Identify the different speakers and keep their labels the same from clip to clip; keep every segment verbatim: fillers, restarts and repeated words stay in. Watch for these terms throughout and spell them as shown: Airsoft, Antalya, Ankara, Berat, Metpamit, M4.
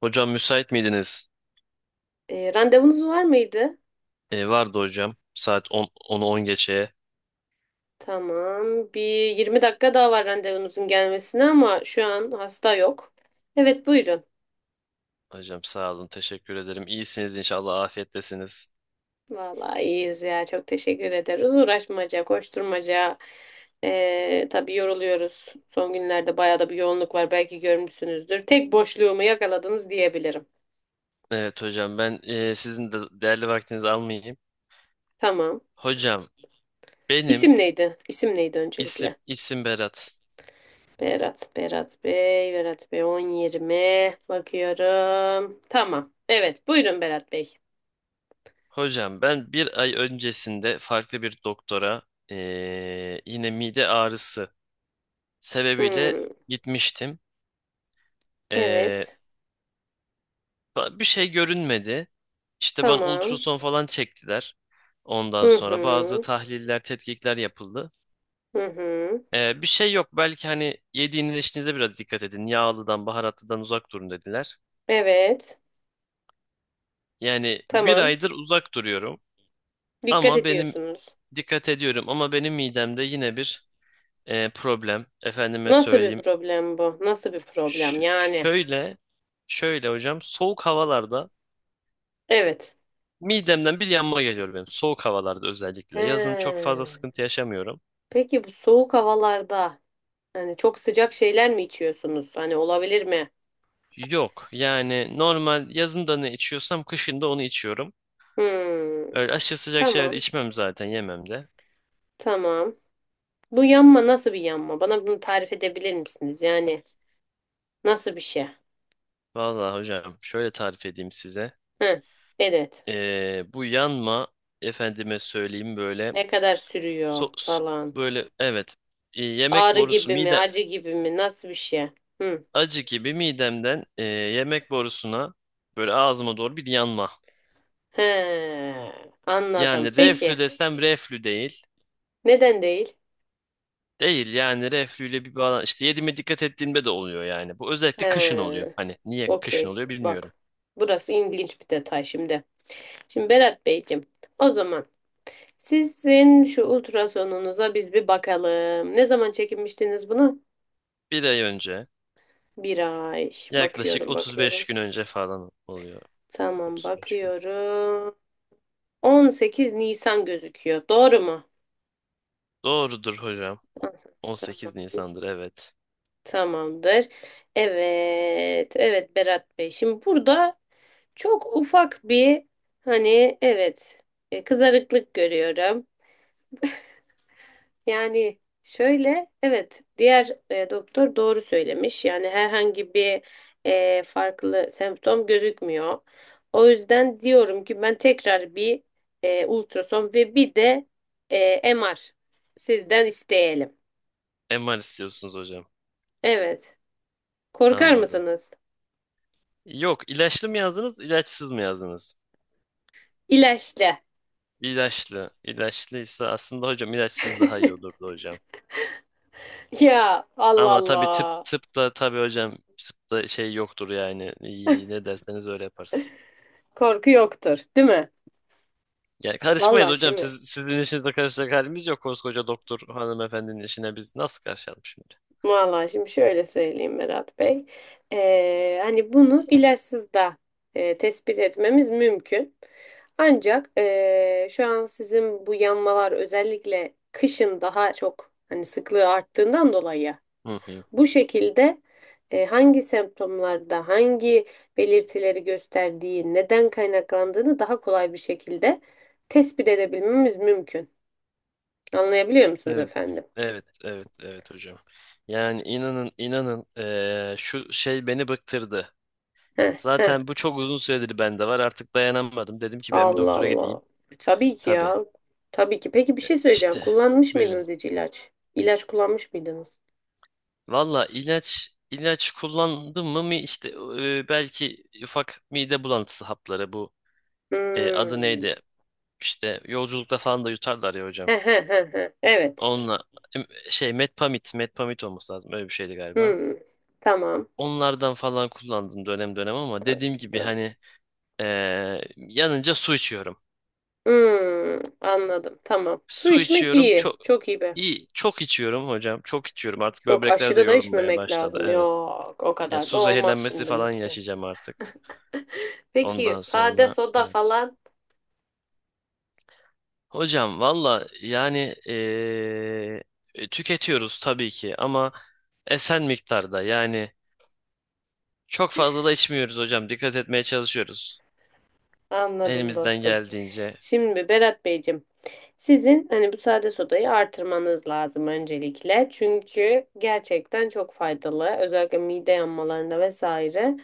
Speaker 1: Hocam müsait miydiniz?
Speaker 2: E, randevunuz var mıydı?
Speaker 1: E, vardı hocam. Saat on onu on geçeye.
Speaker 2: Tamam. Bir yirmi dakika daha var randevunuzun gelmesine ama şu an hasta yok. Evet buyurun.
Speaker 1: Hocam sağ olun. Teşekkür ederim. İyisiniz inşallah. Afiyettesiniz.
Speaker 2: Vallahi iyiyiz ya. Çok teşekkür ederiz. Uğraşmaca, koşturmaca. E, tabii yoruluyoruz. Son günlerde bayağı da bir yoğunluk var. Belki görmüşsünüzdür. Tek boşluğumu yakaladınız diyebilirim.
Speaker 1: Evet hocam ben e, sizin de değerli vaktinizi almayayım.
Speaker 2: Tamam.
Speaker 1: Hocam benim
Speaker 2: İsim neydi? İsim neydi
Speaker 1: isim
Speaker 2: öncelikle?
Speaker 1: isim Berat.
Speaker 2: Berat, Berat Bey, Berat Bey on, yirmi bakıyorum. Tamam. Evet, buyurun Berat Bey.
Speaker 1: Hocam ben bir ay öncesinde farklı bir doktora e, yine mide ağrısı sebebiyle
Speaker 2: Hmm.
Speaker 1: gitmiştim. E,
Speaker 2: Evet.
Speaker 1: Bir şey görünmedi. İşte ben
Speaker 2: Tamam.
Speaker 1: ultrason falan çektiler.
Speaker 2: Hı
Speaker 1: Ondan sonra bazı
Speaker 2: hı.
Speaker 1: tahliller, tetkikler yapıldı.
Speaker 2: Hı hı.
Speaker 1: Ee, bir şey yok. Belki hani yediğiniz içtiğinize biraz dikkat edin. Yağlıdan, baharatlıdan uzak durun dediler.
Speaker 2: Evet.
Speaker 1: Yani bir
Speaker 2: Tamam.
Speaker 1: aydır uzak duruyorum.
Speaker 2: Dikkat
Speaker 1: Ama benim
Speaker 2: ediyorsunuz.
Speaker 1: Dikkat ediyorum. Ama benim midemde yine bir e, problem. Efendime
Speaker 2: Nasıl bir
Speaker 1: söyleyeyim.
Speaker 2: problem bu? Nasıl bir problem
Speaker 1: Ş-
Speaker 2: yani?
Speaker 1: şöyle, şöyle hocam. Soğuk havalarda
Speaker 2: Evet.
Speaker 1: midemden bir yanma geliyor benim. Soğuk havalarda özellikle. Yazın çok
Speaker 2: He.
Speaker 1: fazla sıkıntı yaşamıyorum.
Speaker 2: Peki bu soğuk havalarda hani çok sıcak şeyler mi içiyorsunuz? Hani olabilir mi?
Speaker 1: Yok yani normal yazında ne içiyorsam kışında onu içiyorum.
Speaker 2: Hmm.
Speaker 1: Öyle aşırı sıcak şeyler de
Speaker 2: Tamam.
Speaker 1: içmem zaten yemem de.
Speaker 2: Tamam. Bu yanma nasıl bir yanma? Bana bunu tarif edebilir misiniz? Yani nasıl bir şey?
Speaker 1: Vallahi hocam şöyle tarif edeyim size.
Speaker 2: Hı. Evet.
Speaker 1: Ee, bu yanma efendime söyleyeyim böyle
Speaker 2: Ne kadar sürüyor
Speaker 1: sos
Speaker 2: falan.
Speaker 1: böyle evet e, yemek
Speaker 2: Ağrı
Speaker 1: borusu
Speaker 2: gibi mi,
Speaker 1: mide
Speaker 2: acı gibi mi, nasıl bir şey? Hı.
Speaker 1: acı gibi midemden e, yemek borusuna böyle ağzıma doğru bir yanma.
Speaker 2: He, anladım.
Speaker 1: Yani reflü
Speaker 2: Peki,
Speaker 1: desem reflü değil.
Speaker 2: neden değil?
Speaker 1: Değil yani reflüyle bir bağlan işte yediğime dikkat ettiğimde de oluyor yani. Bu
Speaker 2: He,
Speaker 1: özellikle kışın oluyor. Hani niye kışın
Speaker 2: okey.
Speaker 1: oluyor bilmiyorum.
Speaker 2: Bak, burası ilginç bir detay şimdi. Şimdi Berat Beyciğim, o zaman sizin şu ultrasonunuza biz bir bakalım. Ne zaman çekinmiştiniz bunu?
Speaker 1: Bir ay önce
Speaker 2: Bir ay.
Speaker 1: Yaklaşık
Speaker 2: Bakıyorum,
Speaker 1: otuz beş
Speaker 2: bakıyorum.
Speaker 1: gün önce falan oluyor.
Speaker 2: Tamam,
Speaker 1: otuz beş gün.
Speaker 2: bakıyorum. on sekiz Nisan gözüküyor. Doğru mu?
Speaker 1: Doğrudur hocam.
Speaker 2: Ah, tamam.
Speaker 1: on sekiz Nisan'dır evet.
Speaker 2: Tamamdır. Evet, evet Berat Bey. Şimdi burada çok ufak bir hani evet e, kızarıklık görüyorum. Yani şöyle evet diğer e, doktor doğru söylemiş. Yani herhangi bir e, farklı semptom gözükmüyor. O yüzden diyorum ki ben tekrar bir e, ultrason ve bir de e, M R sizden isteyelim.
Speaker 1: M R istiyorsunuz hocam.
Speaker 2: Evet. Korkar
Speaker 1: Anladım.
Speaker 2: mısınız?
Speaker 1: Yok ilaçlı mı yazdınız ilaçsız mı yazdınız?
Speaker 2: İlaçlı.
Speaker 1: İlaçlı. İlaçlıysa aslında hocam ilaçsız daha iyi olurdu hocam.
Speaker 2: Ya Allah
Speaker 1: Ama tabii tıp
Speaker 2: Allah.
Speaker 1: tıpta tabii hocam tıpta şey yoktur yani. İyi, ne derseniz öyle yaparız.
Speaker 2: Korku yoktur, değil mi?
Speaker 1: Ya karışmayız
Speaker 2: Vallahi
Speaker 1: hocam. Siz,
Speaker 2: şimdi,
Speaker 1: sizin işinize karışacak halimiz yok. Koskoca doktor hanımefendinin işine biz nasıl karışalım şimdi?
Speaker 2: vallahi şimdi şöyle söyleyeyim Berat Bey. Ee, hani bunu ilaçsız da e, tespit etmemiz mümkün. Ancak e, şu an sizin bu yanmalar özellikle kışın daha çok hani sıklığı arttığından dolayı
Speaker 1: Hı hı.
Speaker 2: bu şekilde e, hangi semptomlarda hangi belirtileri gösterdiği, neden kaynaklandığını daha kolay bir şekilde tespit edebilmemiz mümkün. Anlayabiliyor musunuz
Speaker 1: Evet.
Speaker 2: efendim?
Speaker 1: Evet, evet, evet hocam. Yani inanın, inanın eee, şu şey beni bıktırdı.
Speaker 2: Heh, heh.
Speaker 1: Zaten bu çok uzun süredir bende var. Artık dayanamadım. Dedim ki ben bir
Speaker 2: Allah
Speaker 1: doktora
Speaker 2: Allah.
Speaker 1: gideyim.
Speaker 2: E, Tabii ki
Speaker 1: Tabii.
Speaker 2: ya. Tabii ki. Peki bir şey söyleyeceğim.
Speaker 1: İşte
Speaker 2: Kullanmış
Speaker 1: buyurun.
Speaker 2: mıydınız hiç ilaç? İlaç kullanmış mıydınız?
Speaker 1: Valla ilaç ilaç kullandım mı mi işte e, belki ufak mide bulantısı hapları bu e, adı
Speaker 2: Hmm.
Speaker 1: neydi? İşte yolculukta falan da yutarlar ya hocam.
Speaker 2: Heh, heh, heh, heh. Evet.
Speaker 1: Onunla em, şey Metpamit, Metpamit olması lazım. Öyle bir şeydi galiba.
Speaker 2: Hmm. Tamam.
Speaker 1: Onlardan falan kullandım dönem dönem ama dediğim gibi
Speaker 2: Anladım.
Speaker 1: hani eee, yanınca su içiyorum.
Speaker 2: Hmm. Anladım. Tamam. Su
Speaker 1: Su
Speaker 2: içmek
Speaker 1: içiyorum
Speaker 2: iyi.
Speaker 1: çok
Speaker 2: Çok iyi be.
Speaker 1: iyi çok içiyorum hocam. Çok içiyorum. Artık
Speaker 2: Çok
Speaker 1: böbrekler de
Speaker 2: aşırı da
Speaker 1: yorulmaya
Speaker 2: içmemek
Speaker 1: başladı.
Speaker 2: lazım.
Speaker 1: Evet.
Speaker 2: Yok, o
Speaker 1: Ya
Speaker 2: kadar da
Speaker 1: su
Speaker 2: olmaz
Speaker 1: zehirlenmesi
Speaker 2: şimdi
Speaker 1: falan
Speaker 2: lütfen.
Speaker 1: yaşayacağım artık.
Speaker 2: Peki
Speaker 1: Ondan
Speaker 2: sade
Speaker 1: sonra
Speaker 2: soda
Speaker 1: evet.
Speaker 2: falan.
Speaker 1: Hocam valla yani eee, tüketiyoruz tabii ki ama esen miktarda yani çok fazla da içmiyoruz hocam. Dikkat etmeye çalışıyoruz.
Speaker 2: Anladım
Speaker 1: Elimizden
Speaker 2: dostum.
Speaker 1: geldiğince.
Speaker 2: Şimdi Berat Beyciğim, sizin hani bu sade sodayı artırmanız lazım öncelikle. Çünkü gerçekten çok faydalı. Özellikle mide yanmalarında vesaire.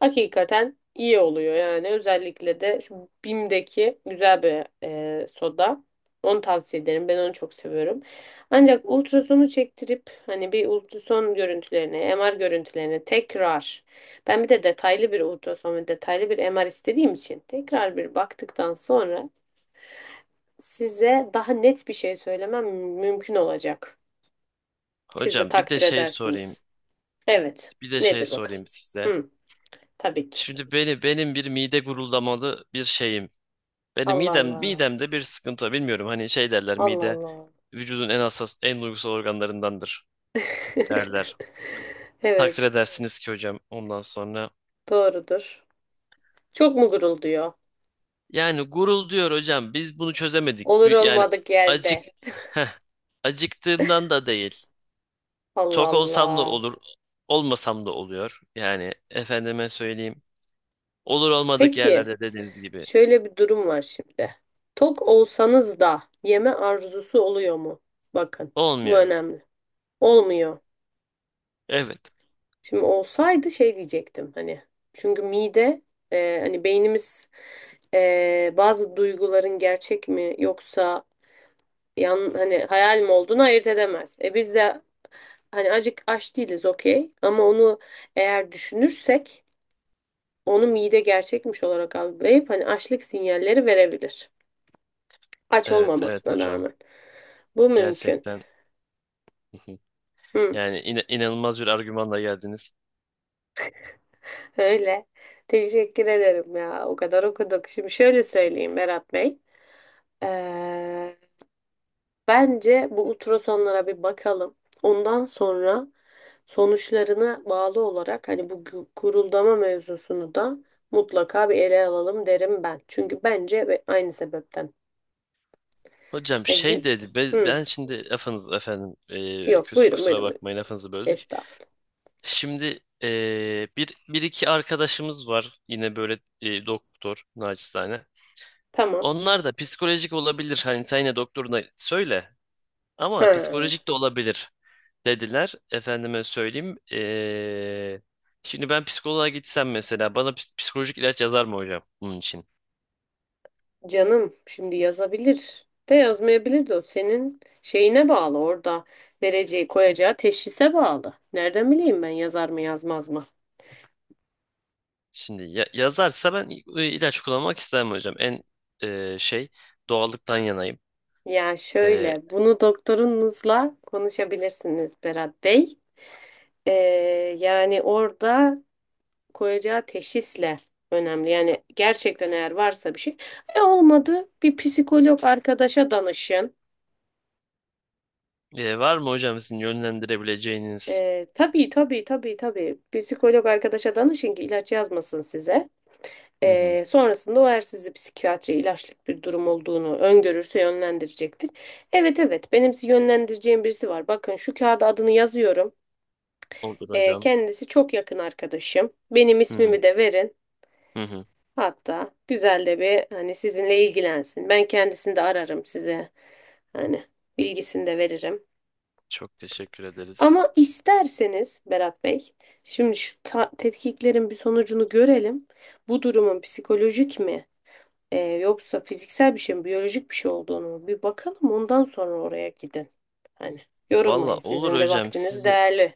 Speaker 2: Hakikaten iyi oluyor yani. Özellikle de şu Bim'deki güzel bir e, soda. Onu tavsiye ederim. Ben onu çok seviyorum. Ancak ultrasonu çektirip hani bir ultrason görüntülerine, M R görüntülerine tekrar ben bir de detaylı bir ultrason ve detaylı bir M R istediğim için tekrar bir baktıktan sonra size daha net bir şey söylemem mümkün olacak. Siz de
Speaker 1: Hocam bir de
Speaker 2: takdir
Speaker 1: şey sorayım.
Speaker 2: edersiniz. Evet.
Speaker 1: Bir de şey
Speaker 2: Nedir bakalım?
Speaker 1: sorayım size.
Speaker 2: Hı, tabii ki.
Speaker 1: Şimdi beni Benim bir mide guruldamalı bir şeyim. Benim
Speaker 2: Allah
Speaker 1: midem
Speaker 2: Allah.
Speaker 1: midemde bir sıkıntı var. Bilmiyorum. Hani şey derler,
Speaker 2: Allah
Speaker 1: mide
Speaker 2: Allah.
Speaker 1: vücudun en hassas en duygusal organlarındandır derler. Takdir
Speaker 2: Evet.
Speaker 1: edersiniz ki hocam ondan sonra.
Speaker 2: Doğrudur. Çok mu gurulduyor?
Speaker 1: Yani gurul diyor hocam biz bunu çözemedik.
Speaker 2: Olur
Speaker 1: Bir- Yani
Speaker 2: olmadık
Speaker 1: acık
Speaker 2: yerde.
Speaker 1: heh, acıktığımdan da değil.
Speaker 2: Allah
Speaker 1: Tok olsam da
Speaker 2: Allah.
Speaker 1: olur, olmasam da oluyor. Yani efendime söyleyeyim. Olur olmadık
Speaker 2: Peki.
Speaker 1: yerlerde dediğiniz gibi.
Speaker 2: Şöyle bir durum var şimdi. Tok olsanız da yeme arzusu oluyor mu? Bakın, bu
Speaker 1: Olmuyor.
Speaker 2: önemli. Olmuyor.
Speaker 1: Evet.
Speaker 2: Şimdi olsaydı şey diyecektim hani. Çünkü mide e, hani beynimiz e, bazı duyguların gerçek mi yoksa yan hani hayal mi olduğunu ayırt edemez. E biz de hani acık aç değiliz okey ama onu eğer düşünürsek onu mide gerçekmiş olarak algılayıp hani açlık sinyalleri verebilir. Aç
Speaker 1: Evet, evet
Speaker 2: olmamasına
Speaker 1: hocam.
Speaker 2: rağmen. Bu mümkün.
Speaker 1: Gerçekten
Speaker 2: Hı,
Speaker 1: yani ina- inanılmaz bir argümanla geldiniz.
Speaker 2: öyle. Teşekkür ederim ya. O kadar okuduk. Şimdi şöyle söyleyeyim Berat Bey. Ee, Bence bu ultrasonlara bir bakalım. Ondan sonra sonuçlarına bağlı olarak hani bu gu- guruldama mevzusunu da mutlaka bir ele alalım derim ben. Çünkü bence ve aynı sebepten.
Speaker 1: Hocam
Speaker 2: E,
Speaker 1: şey
Speaker 2: gün...
Speaker 1: dedi be-
Speaker 2: Hı,
Speaker 1: ben şimdi lafınız efendim e,
Speaker 2: yok
Speaker 1: küs-
Speaker 2: buyurun
Speaker 1: kusura
Speaker 2: buyurun buyurun.
Speaker 1: bakmayın lafınızı böldük.
Speaker 2: Estağfurullah.
Speaker 1: Şimdi e, bir, bir iki arkadaşımız var yine böyle e, doktor naçizane.
Speaker 2: Tamam.
Speaker 1: Onlar da psikolojik olabilir hani sen yine doktoruna söyle ama
Speaker 2: Ha.
Speaker 1: psikolojik de olabilir dediler. Efendime söyleyeyim. Eee, şimdi ben psikoloğa gitsem mesela bana ps- psikolojik ilaç yazar mı hocam bunun için?
Speaker 2: Canım şimdi yazabilir de yazmayabilir de o senin şeyine bağlı orada vereceği koyacağı teşhise bağlı. Nereden bileyim ben yazar mı yazmaz mı?
Speaker 1: Şimdi ya- yazarsa ben i- ilaç kullanmak istemem hocam. En eee, şey doğallıktan yanayım.
Speaker 2: Ya
Speaker 1: Eee,
Speaker 2: şöyle bunu doktorunuzla konuşabilirsiniz Berat Bey. Ee, Yani orada koyacağı teşhisle önemli. Yani gerçekten eğer varsa bir şey. E olmadı bir psikolog arkadaşa danışın.
Speaker 1: eee, Var mı hocam sizin yönlendirebileceğiniz?
Speaker 2: Ee, tabii tabii tabii tabii psikolog arkadaşa danışın ki ilaç yazmasın size.
Speaker 1: Hı hı,
Speaker 2: Ee, sonrasında o eğer sizi psikiyatri ilaçlık bir durum olduğunu öngörürse yönlendirecektir. Evet evet benim sizi yönlendireceğim birisi var. Bakın şu kağıda adını yazıyorum.
Speaker 1: olur
Speaker 2: Ee,
Speaker 1: hocam.
Speaker 2: kendisi çok yakın arkadaşım. Benim
Speaker 1: Hı hı,
Speaker 2: ismimi de verin.
Speaker 1: hı hı.
Speaker 2: Hatta güzel de bir hani sizinle ilgilensin. Ben kendisini de ararım size. Hani bilgisini de veririm.
Speaker 1: Çok teşekkür ederiz.
Speaker 2: Ama isterseniz Berat Bey, şimdi şu ta- tetkiklerin bir sonucunu görelim. Bu durumun psikolojik mi? Ee, yoksa fiziksel bir şey mi, biyolojik bir şey olduğunu mu? Bir bakalım ondan sonra oraya gidin. Hani
Speaker 1: Valla
Speaker 2: yorulmayın.
Speaker 1: olur
Speaker 2: Sizin de
Speaker 1: hocam
Speaker 2: vaktiniz
Speaker 1: sizin
Speaker 2: değerli.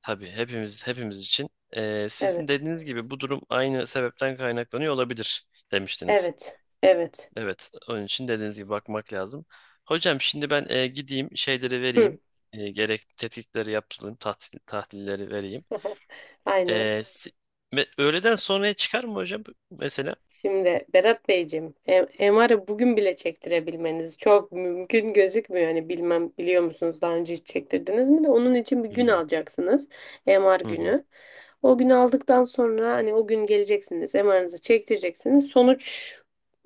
Speaker 1: tabii hepimiz hepimiz için. Eee, sizin
Speaker 2: Evet.
Speaker 1: dediğiniz gibi bu durum aynı sebepten kaynaklanıyor olabilir demiştiniz.
Speaker 2: Evet. Evet.
Speaker 1: Evet, onun için dediğiniz gibi bakmak lazım. Hocam şimdi ben e, gideyim şeyleri
Speaker 2: Hı.
Speaker 1: vereyim. E, gerek tetkikleri yaptırayım, tahlil, tahlilleri vereyim.
Speaker 2: Aynen.
Speaker 1: E, si- me- Öğleden sonraya çıkar mı hocam mesela?
Speaker 2: Şimdi Berat Beyciğim, e- M R'ı bugün bile çektirebilmeniz çok mümkün gözükmüyor. Hani bilmem biliyor musunuz daha önce hiç çektirdiniz mi de onun için bir
Speaker 1: Hı
Speaker 2: gün
Speaker 1: hı.
Speaker 2: alacaksınız. M R
Speaker 1: Hı hı.
Speaker 2: günü. O günü aldıktan sonra hani o gün geleceksiniz, M R'ınızı çektireceksiniz. Sonuç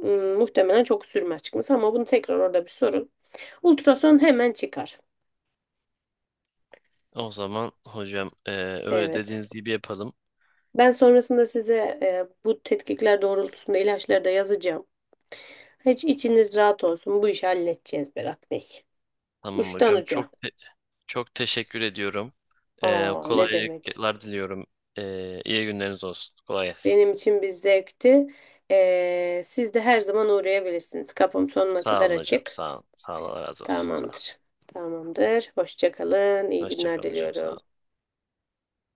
Speaker 2: ım, muhtemelen çok sürmez çıkması ama bunu tekrar orada bir sorun. Ultrason hemen çıkar.
Speaker 1: O zaman hocam e, öyle
Speaker 2: Evet.
Speaker 1: dediğiniz gibi yapalım.
Speaker 2: Ben sonrasında size e, bu tetkikler doğrultusunda ilaçları da yazacağım. Hiç içiniz rahat olsun. Bu işi halledeceğiz Berat Bey.
Speaker 1: Tamam
Speaker 2: Uçtan
Speaker 1: hocam
Speaker 2: uca.
Speaker 1: çok te- çok teşekkür ediyorum. E,
Speaker 2: Aa ne demek.
Speaker 1: kolaylıklar diliyorum. E, iyi günleriniz olsun. Kolay gelsin.
Speaker 2: Benim için bir zevkti. Ee, siz de her zaman uğrayabilirsiniz. Kapım sonuna
Speaker 1: Sağ
Speaker 2: kadar
Speaker 1: olun hocam.
Speaker 2: açık.
Speaker 1: Sağ olun. Sağ olun. Allah razı olsun. Sağ olun.
Speaker 2: Tamamdır. Tamamdır. Hoşça kalın. İyi
Speaker 1: Hoşça
Speaker 2: günler
Speaker 1: kalın hocam. Sağ
Speaker 2: diliyorum.
Speaker 1: olun.